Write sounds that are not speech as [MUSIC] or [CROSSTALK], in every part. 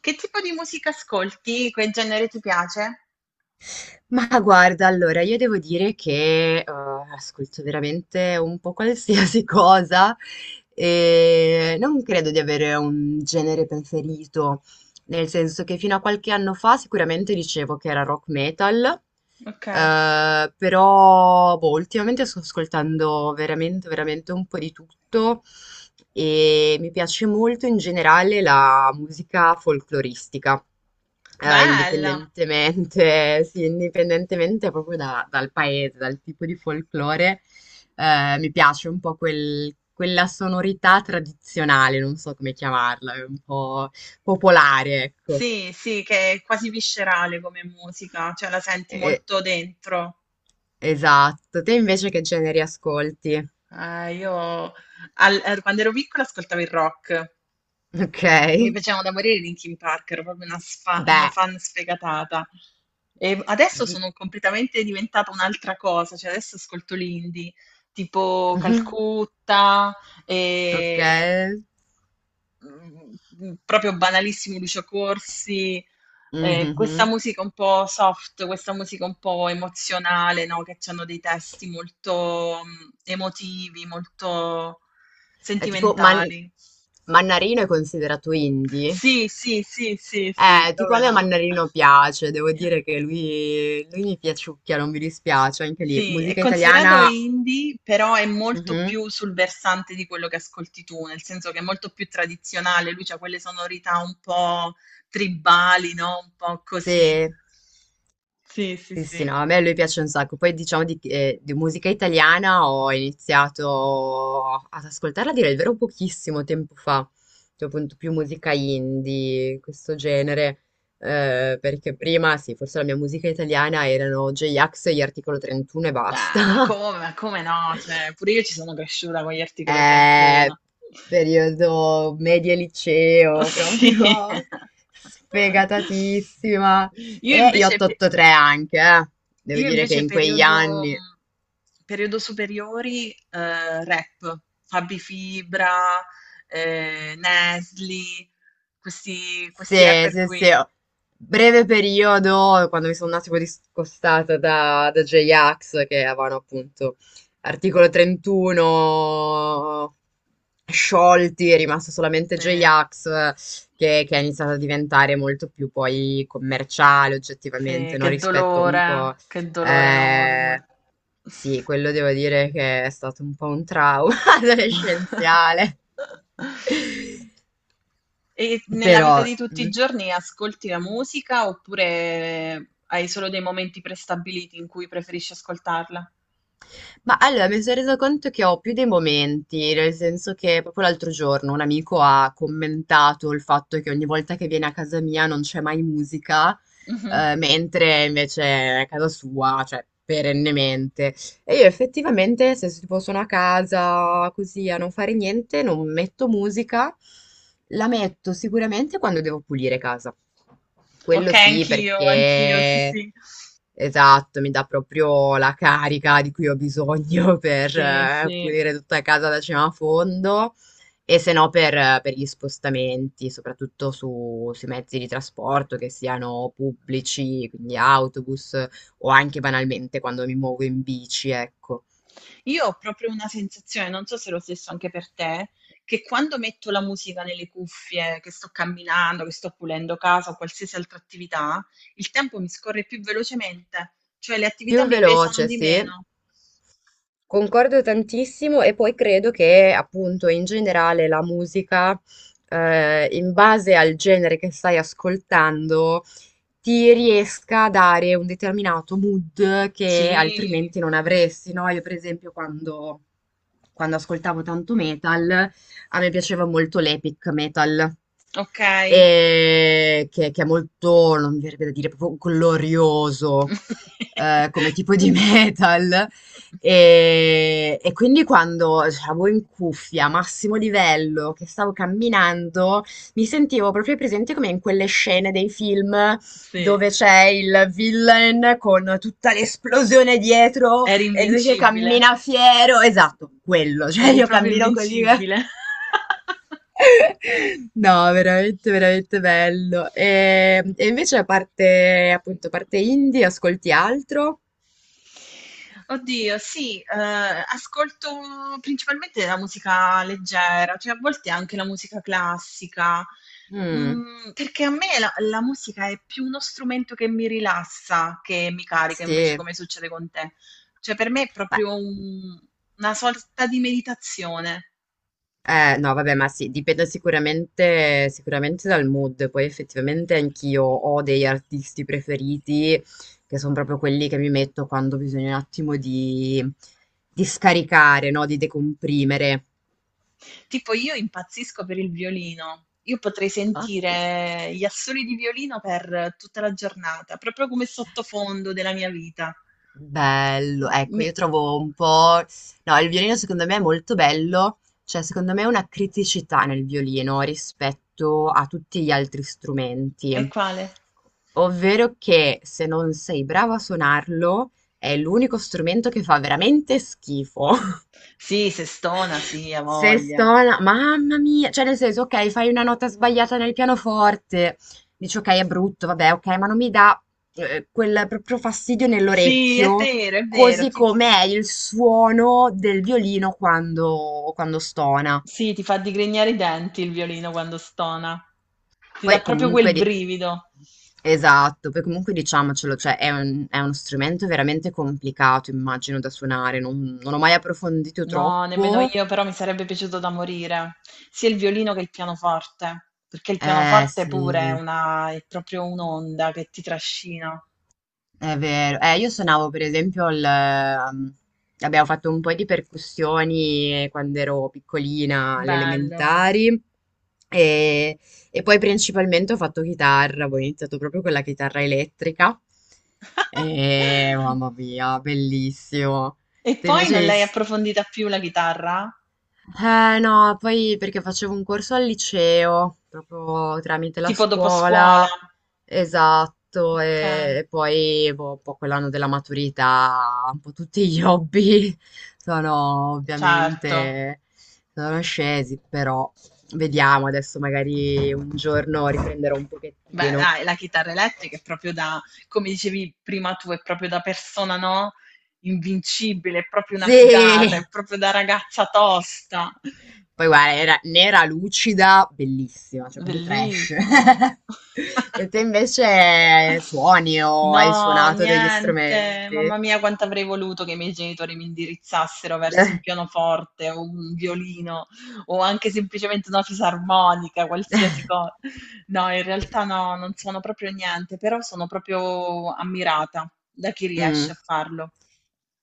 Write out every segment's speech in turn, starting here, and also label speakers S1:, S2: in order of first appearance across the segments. S1: Che tipo di musica ascolti? Che genere ti piace?
S2: Ma guarda, allora io devo dire che, ascolto veramente un po' qualsiasi [LAUGHS] cosa e non credo di avere un genere preferito. Nel senso che fino a qualche anno fa sicuramente dicevo che era rock metal,
S1: Okay.
S2: però boh, ultimamente sto ascoltando veramente un po' di tutto e mi piace molto in generale la musica folcloristica,
S1: Bella.
S2: indipendentemente, [LAUGHS] sì, indipendentemente proprio dal paese, dal tipo di folklore, mi piace un po' quella sonorità tradizionale, non so come chiamarla, è un po' popolare, ecco.
S1: Sì, sì, che è quasi viscerale come musica, cioè la senti
S2: E-
S1: molto dentro.
S2: esatto. Te invece che generi ascolti?
S1: Io al er quando ero piccola ascoltavo il rock.
S2: Ok.
S1: Mi piacevano da morire i Linkin Park, ero proprio una
S2: Beh,
S1: fan sfegatata. E adesso
S2: di-
S1: sono completamente diventata un'altra cosa, cioè adesso ascolto l'indie,
S2: [LAUGHS]
S1: tipo
S2: Mhm.
S1: Calcutta,
S2: Ok.
S1: ehm proprio banalissimo Lucio Corsi, questa
S2: Mhm.
S1: musica un po' soft, questa musica un po' emozionale, no? Che hanno dei testi molto emotivi, molto
S2: È tipo Man-
S1: sentimentali.
S2: Mannarino è considerato indie?
S1: Sì, sì, sì, sì, sì,
S2: Tipo a
S1: come
S2: me
S1: no.
S2: Mannarino piace, devo dire che lui mi piaciucchia, non mi dispiace, anche lì.
S1: Sì, è
S2: Musica
S1: considerato
S2: italiana,
S1: indie, però è molto
S2: mhm.
S1: più sul versante di quello che ascolti tu, nel senso che è molto più tradizionale, lui c'ha quelle sonorità un po' tribali, no? Un po' così.
S2: Sì.
S1: Sì, sì,
S2: Sì, sì,
S1: sì.
S2: no, a me lui piace un sacco. Poi diciamo di musica italiana ho iniziato ad ascoltarla, a dire il vero, pochissimo tempo fa, cioè appunto più musica indie, questo genere, perché prima, sì, forse la mia musica italiana erano J-Ax e gli Articolo 31 e
S1: Ah,
S2: basta. [LAUGHS]
S1: ma come no? Cioè, pure io ci sono cresciuta con gli Articolo
S2: Eh,
S1: 31.
S2: periodo media liceo,
S1: [LAUGHS] Sì.
S2: proprio sfegatatissima.
S1: Io
S2: E gli
S1: invece, pe-
S2: 883 anche, eh. Devo
S1: Io
S2: dire che
S1: invece
S2: in quegli
S1: periodo,
S2: anni...
S1: periodo superiori, rap, Fabi Fibra, Nesli, questi,
S2: Sì,
S1: questi rapper
S2: sì, sì.
S1: qui.
S2: Breve periodo, quando mi sono un attimo discostata da, J-Ax, che avevano appunto articolo 31 sciolti, è rimasto solamente
S1: Sì,
S2: J-Ax, che ha iniziato a diventare molto più poi commerciale
S1: sì,
S2: oggettivamente, no? Rispetto un po'...
S1: che dolore
S2: eh,
S1: enorme.
S2: sì, quello devo dire che è stato un po' un trauma [LAUGHS] adolescenziale.
S1: [LAUGHS] E nella vita
S2: Però...
S1: di tutti i
S2: mm.
S1: giorni ascolti la musica oppure hai solo dei momenti prestabiliti in cui preferisci ascoltarla?
S2: Ma allora mi sono resa conto che ho più dei momenti, nel senso che proprio l'altro giorno un amico ha commentato il fatto che ogni volta che viene a casa mia non c'è mai musica,
S1: Mhm.
S2: mentre invece è a casa sua, cioè perennemente. E io effettivamente se tipo sono a casa così a non fare niente, non metto musica, la metto sicuramente quando devo pulire casa. Quello
S1: Okay,
S2: sì,
S1: anch'io, anch'io, sì,
S2: perché
S1: sì.
S2: esatto, mi dà proprio la carica di cui ho bisogno [LAUGHS] per
S1: Sì, sì.
S2: pulire tutta casa da cima a fondo e se no per, per gli spostamenti, soprattutto sui mezzi di trasporto, che siano pubblici, quindi autobus o anche banalmente quando mi muovo in bici, ecco.
S1: Io ho proprio una sensazione, non so se è lo stesso anche per te, che quando metto la musica nelle cuffie, che sto camminando, che sto pulendo casa o qualsiasi altra attività, il tempo mi scorre più velocemente, cioè le attività
S2: Più
S1: mi pesano
S2: veloce,
S1: di
S2: sì.
S1: meno.
S2: Concordo tantissimo e poi credo che appunto in generale la musica, in base al genere che stai ascoltando, ti riesca a dare un determinato mood che
S1: Sì.
S2: altrimenti non avresti, no? Io per esempio quando, quando ascoltavo tanto metal, a me piaceva molto l'epic metal,
S1: Okay.
S2: e che è molto, non mi verrebbe da dire, proprio glorioso come tipo di [LAUGHS]
S1: [LAUGHS]
S2: metal. E quindi quando avevo in cuffia, massimo livello, che stavo camminando, mi sentivo proprio presente come in quelle scene dei film
S1: Sì.
S2: dove c'è il villain con tutta l'esplosione dietro
S1: Eri
S2: e lui che
S1: invincibile.
S2: cammina fiero. Esatto, quello. [LAUGHS] Cioè,
S1: Eri
S2: io
S1: proprio
S2: cammino così.
S1: invincibile.
S2: [LAUGHS] No, veramente bello. E invece a parte, appunto, a parte indie, ascolti
S1: [LAUGHS]
S2: altro?
S1: Oddio, sì, ascolto principalmente la musica leggera, cioè a volte anche la musica classica,
S2: Mm,
S1: perché a me la musica è più uno strumento che mi rilassa che mi carica, invece,
S2: sì.
S1: come succede con te. Cioè per me è
S2: Beh.
S1: proprio un una sorta di meditazione.
S2: No, vabbè, ma sì, dipende sicuramente dal mood. Poi effettivamente anch'io ho degli artisti preferiti che sono proprio quelli che mi metto quando bisogna un attimo di scaricare, no? Di decomprimere.
S1: Tipo io impazzisco per il violino. Io potrei
S2: Ok.
S1: sentire gli assoli di violino per tutta la giornata, proprio come sottofondo della mia vita.
S2: Bello, ecco,
S1: Mi
S2: io trovo un po'... No, il violino secondo me è molto bello, cioè secondo me è una criticità nel violino rispetto a tutti gli altri strumenti,
S1: E quale?
S2: ovvero che se non sei bravo a suonarlo è l'unico strumento che fa veramente schifo.
S1: Sì, se stona, sì, ha
S2: Se
S1: voglia.
S2: sto là, mamma mia, cioè nel senso, ok, fai una nota sbagliata nel pianoforte, dici ok, è brutto, vabbè, ok, ma non mi dà quel proprio fastidio
S1: Sì, è
S2: nell'orecchio,
S1: vero, è vero.
S2: così come è il suono del violino quando, quando stona.
S1: Sì, ti fa digrignare i denti il violino quando stona. Ti dà
S2: Poi
S1: proprio quel
S2: comunque,
S1: brivido.
S2: esatto, poi comunque diciamocelo, cioè è è uno strumento veramente complicato, immagino, da suonare, non ho mai approfondito
S1: No, nemmeno
S2: troppo.
S1: io, però mi sarebbe piaciuto da morire, sia il violino che il pianoforte, perché il
S2: Eh
S1: pianoforte pure è
S2: sì.
S1: una, è proprio un'onda che ti trascina.
S2: È vero, io suonavo per esempio il... abbiamo fatto un po' di percussioni quando ero piccolina, alle
S1: Bello.
S2: elementari, e, e poi principalmente ho fatto chitarra, ho iniziato proprio con la chitarra elettrica, e
S1: [LAUGHS]
S2: mamma mia, bellissimo.
S1: E
S2: Te
S1: poi
S2: invece...
S1: non
S2: hai
S1: l'hai approfondita più la chitarra?
S2: eh no, poi perché facevo un corso al liceo, proprio tramite la
S1: Tipo dopo scuola?
S2: scuola, esatto,
S1: Okay,
S2: e poi boh, un po' quell'anno della maturità, un po' tutti gli hobby [LAUGHS] sono
S1: certo.
S2: ovviamente sono scesi, però vediamo adesso magari un giorno riprenderò un
S1: Beh
S2: pochettino.
S1: dai, la chitarra elettrica è proprio da come dicevi prima tu, è proprio da persona, no, invincibile, è proprio una figata,
S2: Sì!
S1: è proprio da ragazza tosta.
S2: Poi guarda, era nera, lucida, bellissima, cioè proprio trash.
S1: Bellissimo.
S2: [LAUGHS]
S1: [LAUGHS]
S2: E te invece suoni o hai
S1: No,
S2: suonato degli
S1: niente.
S2: strumenti?
S1: Mamma mia, quanto avrei voluto che i miei genitori mi indirizzassero
S2: [LAUGHS]
S1: verso un
S2: Eh.
S1: pianoforte o un violino o anche semplicemente una fisarmonica, qualsiasi cosa. No, in realtà no, non sono proprio niente, però sono proprio ammirata da chi riesce a
S2: Mm.
S1: farlo.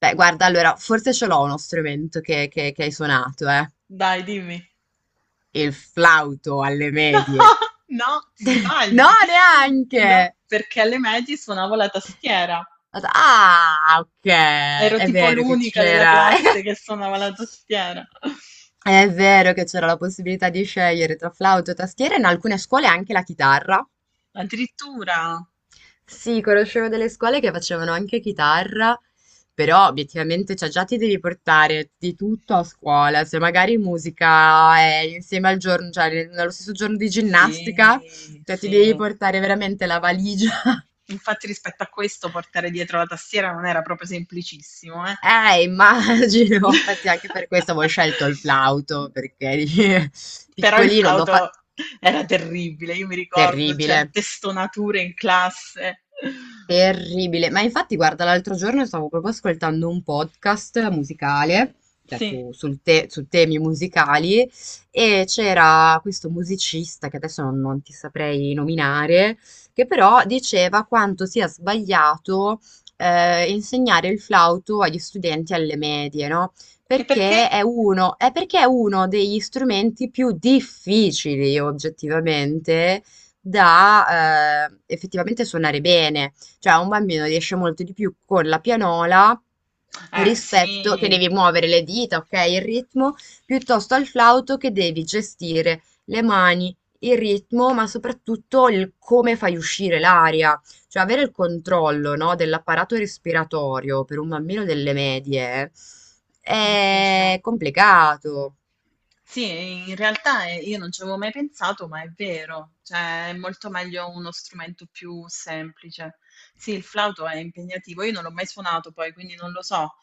S2: Beh, guarda, allora, forse ce l'ho uno strumento che, che hai suonato, eh.
S1: Dai, dimmi.
S2: Il flauto alle
S1: No,
S2: medie.
S1: [LAUGHS] no, ti
S2: No,
S1: sbagli. No,
S2: neanche!
S1: perché alle medie suonavo la tastiera.
S2: Ah, ok,
S1: Ero
S2: è
S1: tipo
S2: vero che
S1: l'unica della
S2: c'era. [LAUGHS]
S1: classe che suonava la tastiera.
S2: È vero che c'era la possibilità di scegliere tra flauto e tastiera, in alcune scuole anche la chitarra.
S1: Addirittura?
S2: Sì, conoscevo delle scuole che facevano anche chitarra, però obiettivamente cioè, già ti devi portare di tutto a scuola. Se magari musica è insieme al giorno, cioè nello stesso giorno di ginnastica,
S1: Sì,
S2: cioè ti devi
S1: sì.
S2: portare veramente la valigia. [LAUGHS]
S1: Infatti rispetto a questo portare dietro la tastiera non era proprio semplicissimo, eh.
S2: Immagino, infatti anche per questo avevo
S1: [LAUGHS]
S2: scelto il flauto, perché [LAUGHS]
S1: Però il
S2: piccolino,
S1: flauto era terribile, io mi ricordo
S2: terribile.
S1: certe stonature in classe.
S2: Terribile, ma infatti guarda, l'altro giorno stavo proprio ascoltando un podcast musicale, cioè
S1: Sì.
S2: su, su temi musicali, e c'era questo musicista che adesso non, non ti saprei nominare, che però diceva quanto sia sbagliato insegnare il flauto agli studenti alle medie, no?
S1: E perché?
S2: Perché è uno, è perché è uno degli strumenti più difficili oggettivamente da effettivamente suonare bene, cioè un bambino riesce molto di più con la pianola rispetto che
S1: Sì,
S2: devi muovere le dita, ok, il ritmo, piuttosto al flauto che devi gestire le mani, il ritmo, ma soprattutto il come fai uscire l'aria. Cioè, avere il controllo, no, dell'apparato respiratorio per un bambino delle medie è
S1: difficile.
S2: complicato.
S1: Sì, in realtà io non ci avevo mai pensato, ma è vero, cioè è molto meglio uno strumento più semplice. Sì, il flauto è impegnativo, io non l'ho mai suonato poi, quindi non lo so,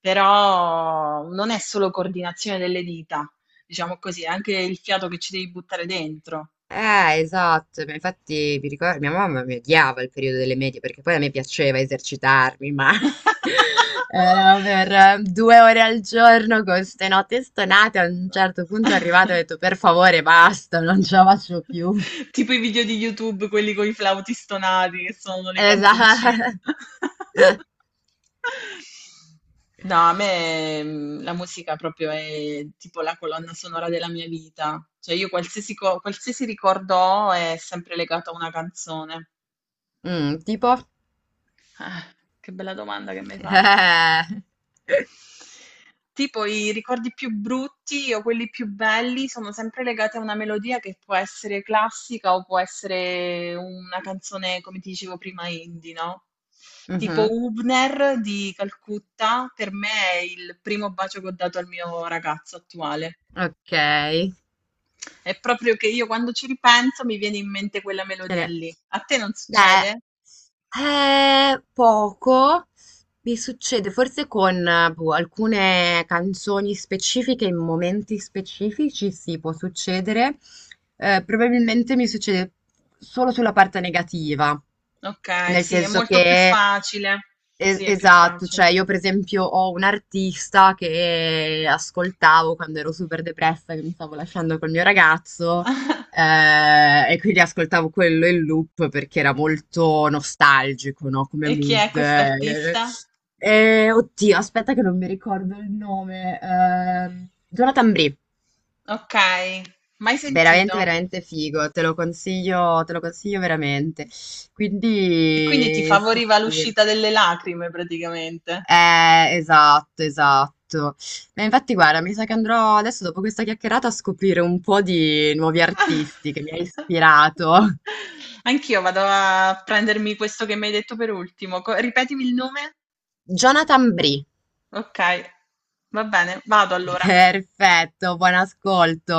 S1: però non è solo coordinazione delle dita, diciamo così, è anche il fiato che ci devi buttare dentro.
S2: Esatto, ma infatti mi ricordo, mia mamma mi odiava il periodo delle medie perché poi a me piaceva esercitarmi, ma [LAUGHS] era per 2 ore al giorno con ste note stonate, a un certo punto è arrivato e ho
S1: [LAUGHS]
S2: detto per favore basta, non ce la faccio più.
S1: [LAUGHS] Tipo i video di YouTube, quelli con i flauti stonati che sono le canzoncine.
S2: Esatto. [LAUGHS]
S1: [LAUGHS] No, a me la musica proprio è tipo la colonna sonora della mia vita. Cioè io qualsiasi ricordo ho è sempre legato a una canzone.
S2: Mm, tipo?
S1: Ah, che bella domanda che mi hai fatto.
S2: [LAUGHS]
S1: Tipo i ricordi più brutti o quelli più belli sono sempre legati a una melodia che può essere classica o può essere una canzone, come ti dicevo prima, indie, no? Tipo
S2: Mhm.
S1: Hübner di Calcutta, per me è il primo bacio che ho dato al mio ragazzo attuale.
S2: Ok.
S1: È proprio che io quando ci ripenso mi viene in mente quella melodia
S2: Eh.
S1: lì. A te non
S2: Beh,
S1: succede?
S2: poco mi succede, forse con boh, alcune canzoni specifiche, in momenti specifici, sì, può succedere. Probabilmente mi succede solo sulla parte negativa,
S1: Ok,
S2: nel
S1: sì, è
S2: senso
S1: molto più
S2: che,
S1: facile. Sì, è più
S2: esatto, cioè
S1: facile.
S2: io per esempio ho un artista che ascoltavo quando ero super depressa, che mi stavo lasciando col mio ragazzo.
S1: [LAUGHS]
S2: E quindi ascoltavo quello in loop perché era molto nostalgico, no? Come
S1: E chi è
S2: mood.
S1: quest'artista?
S2: Oddio, aspetta che non mi ricordo il nome. Jonathan Brie,
S1: Okay, mai sentito.
S2: veramente figo, te lo consiglio veramente.
S1: E quindi ti
S2: Quindi, sì,
S1: favoriva
S2: sì.
S1: l'uscita delle lacrime praticamente.
S2: Esatto, esatto. Ma infatti, guarda, mi sa che andrò adesso, dopo questa chiacchierata, a scoprire un po' di nuovi artisti che mi ha
S1: [LAUGHS]
S2: ispirato.
S1: Anch'io vado a prendermi questo che mi hai detto per ultimo. Co ripetimi il nome?
S2: Jonathan Brie.
S1: Okay, va bene, vado allora.
S2: Perfetto, buon ascolto.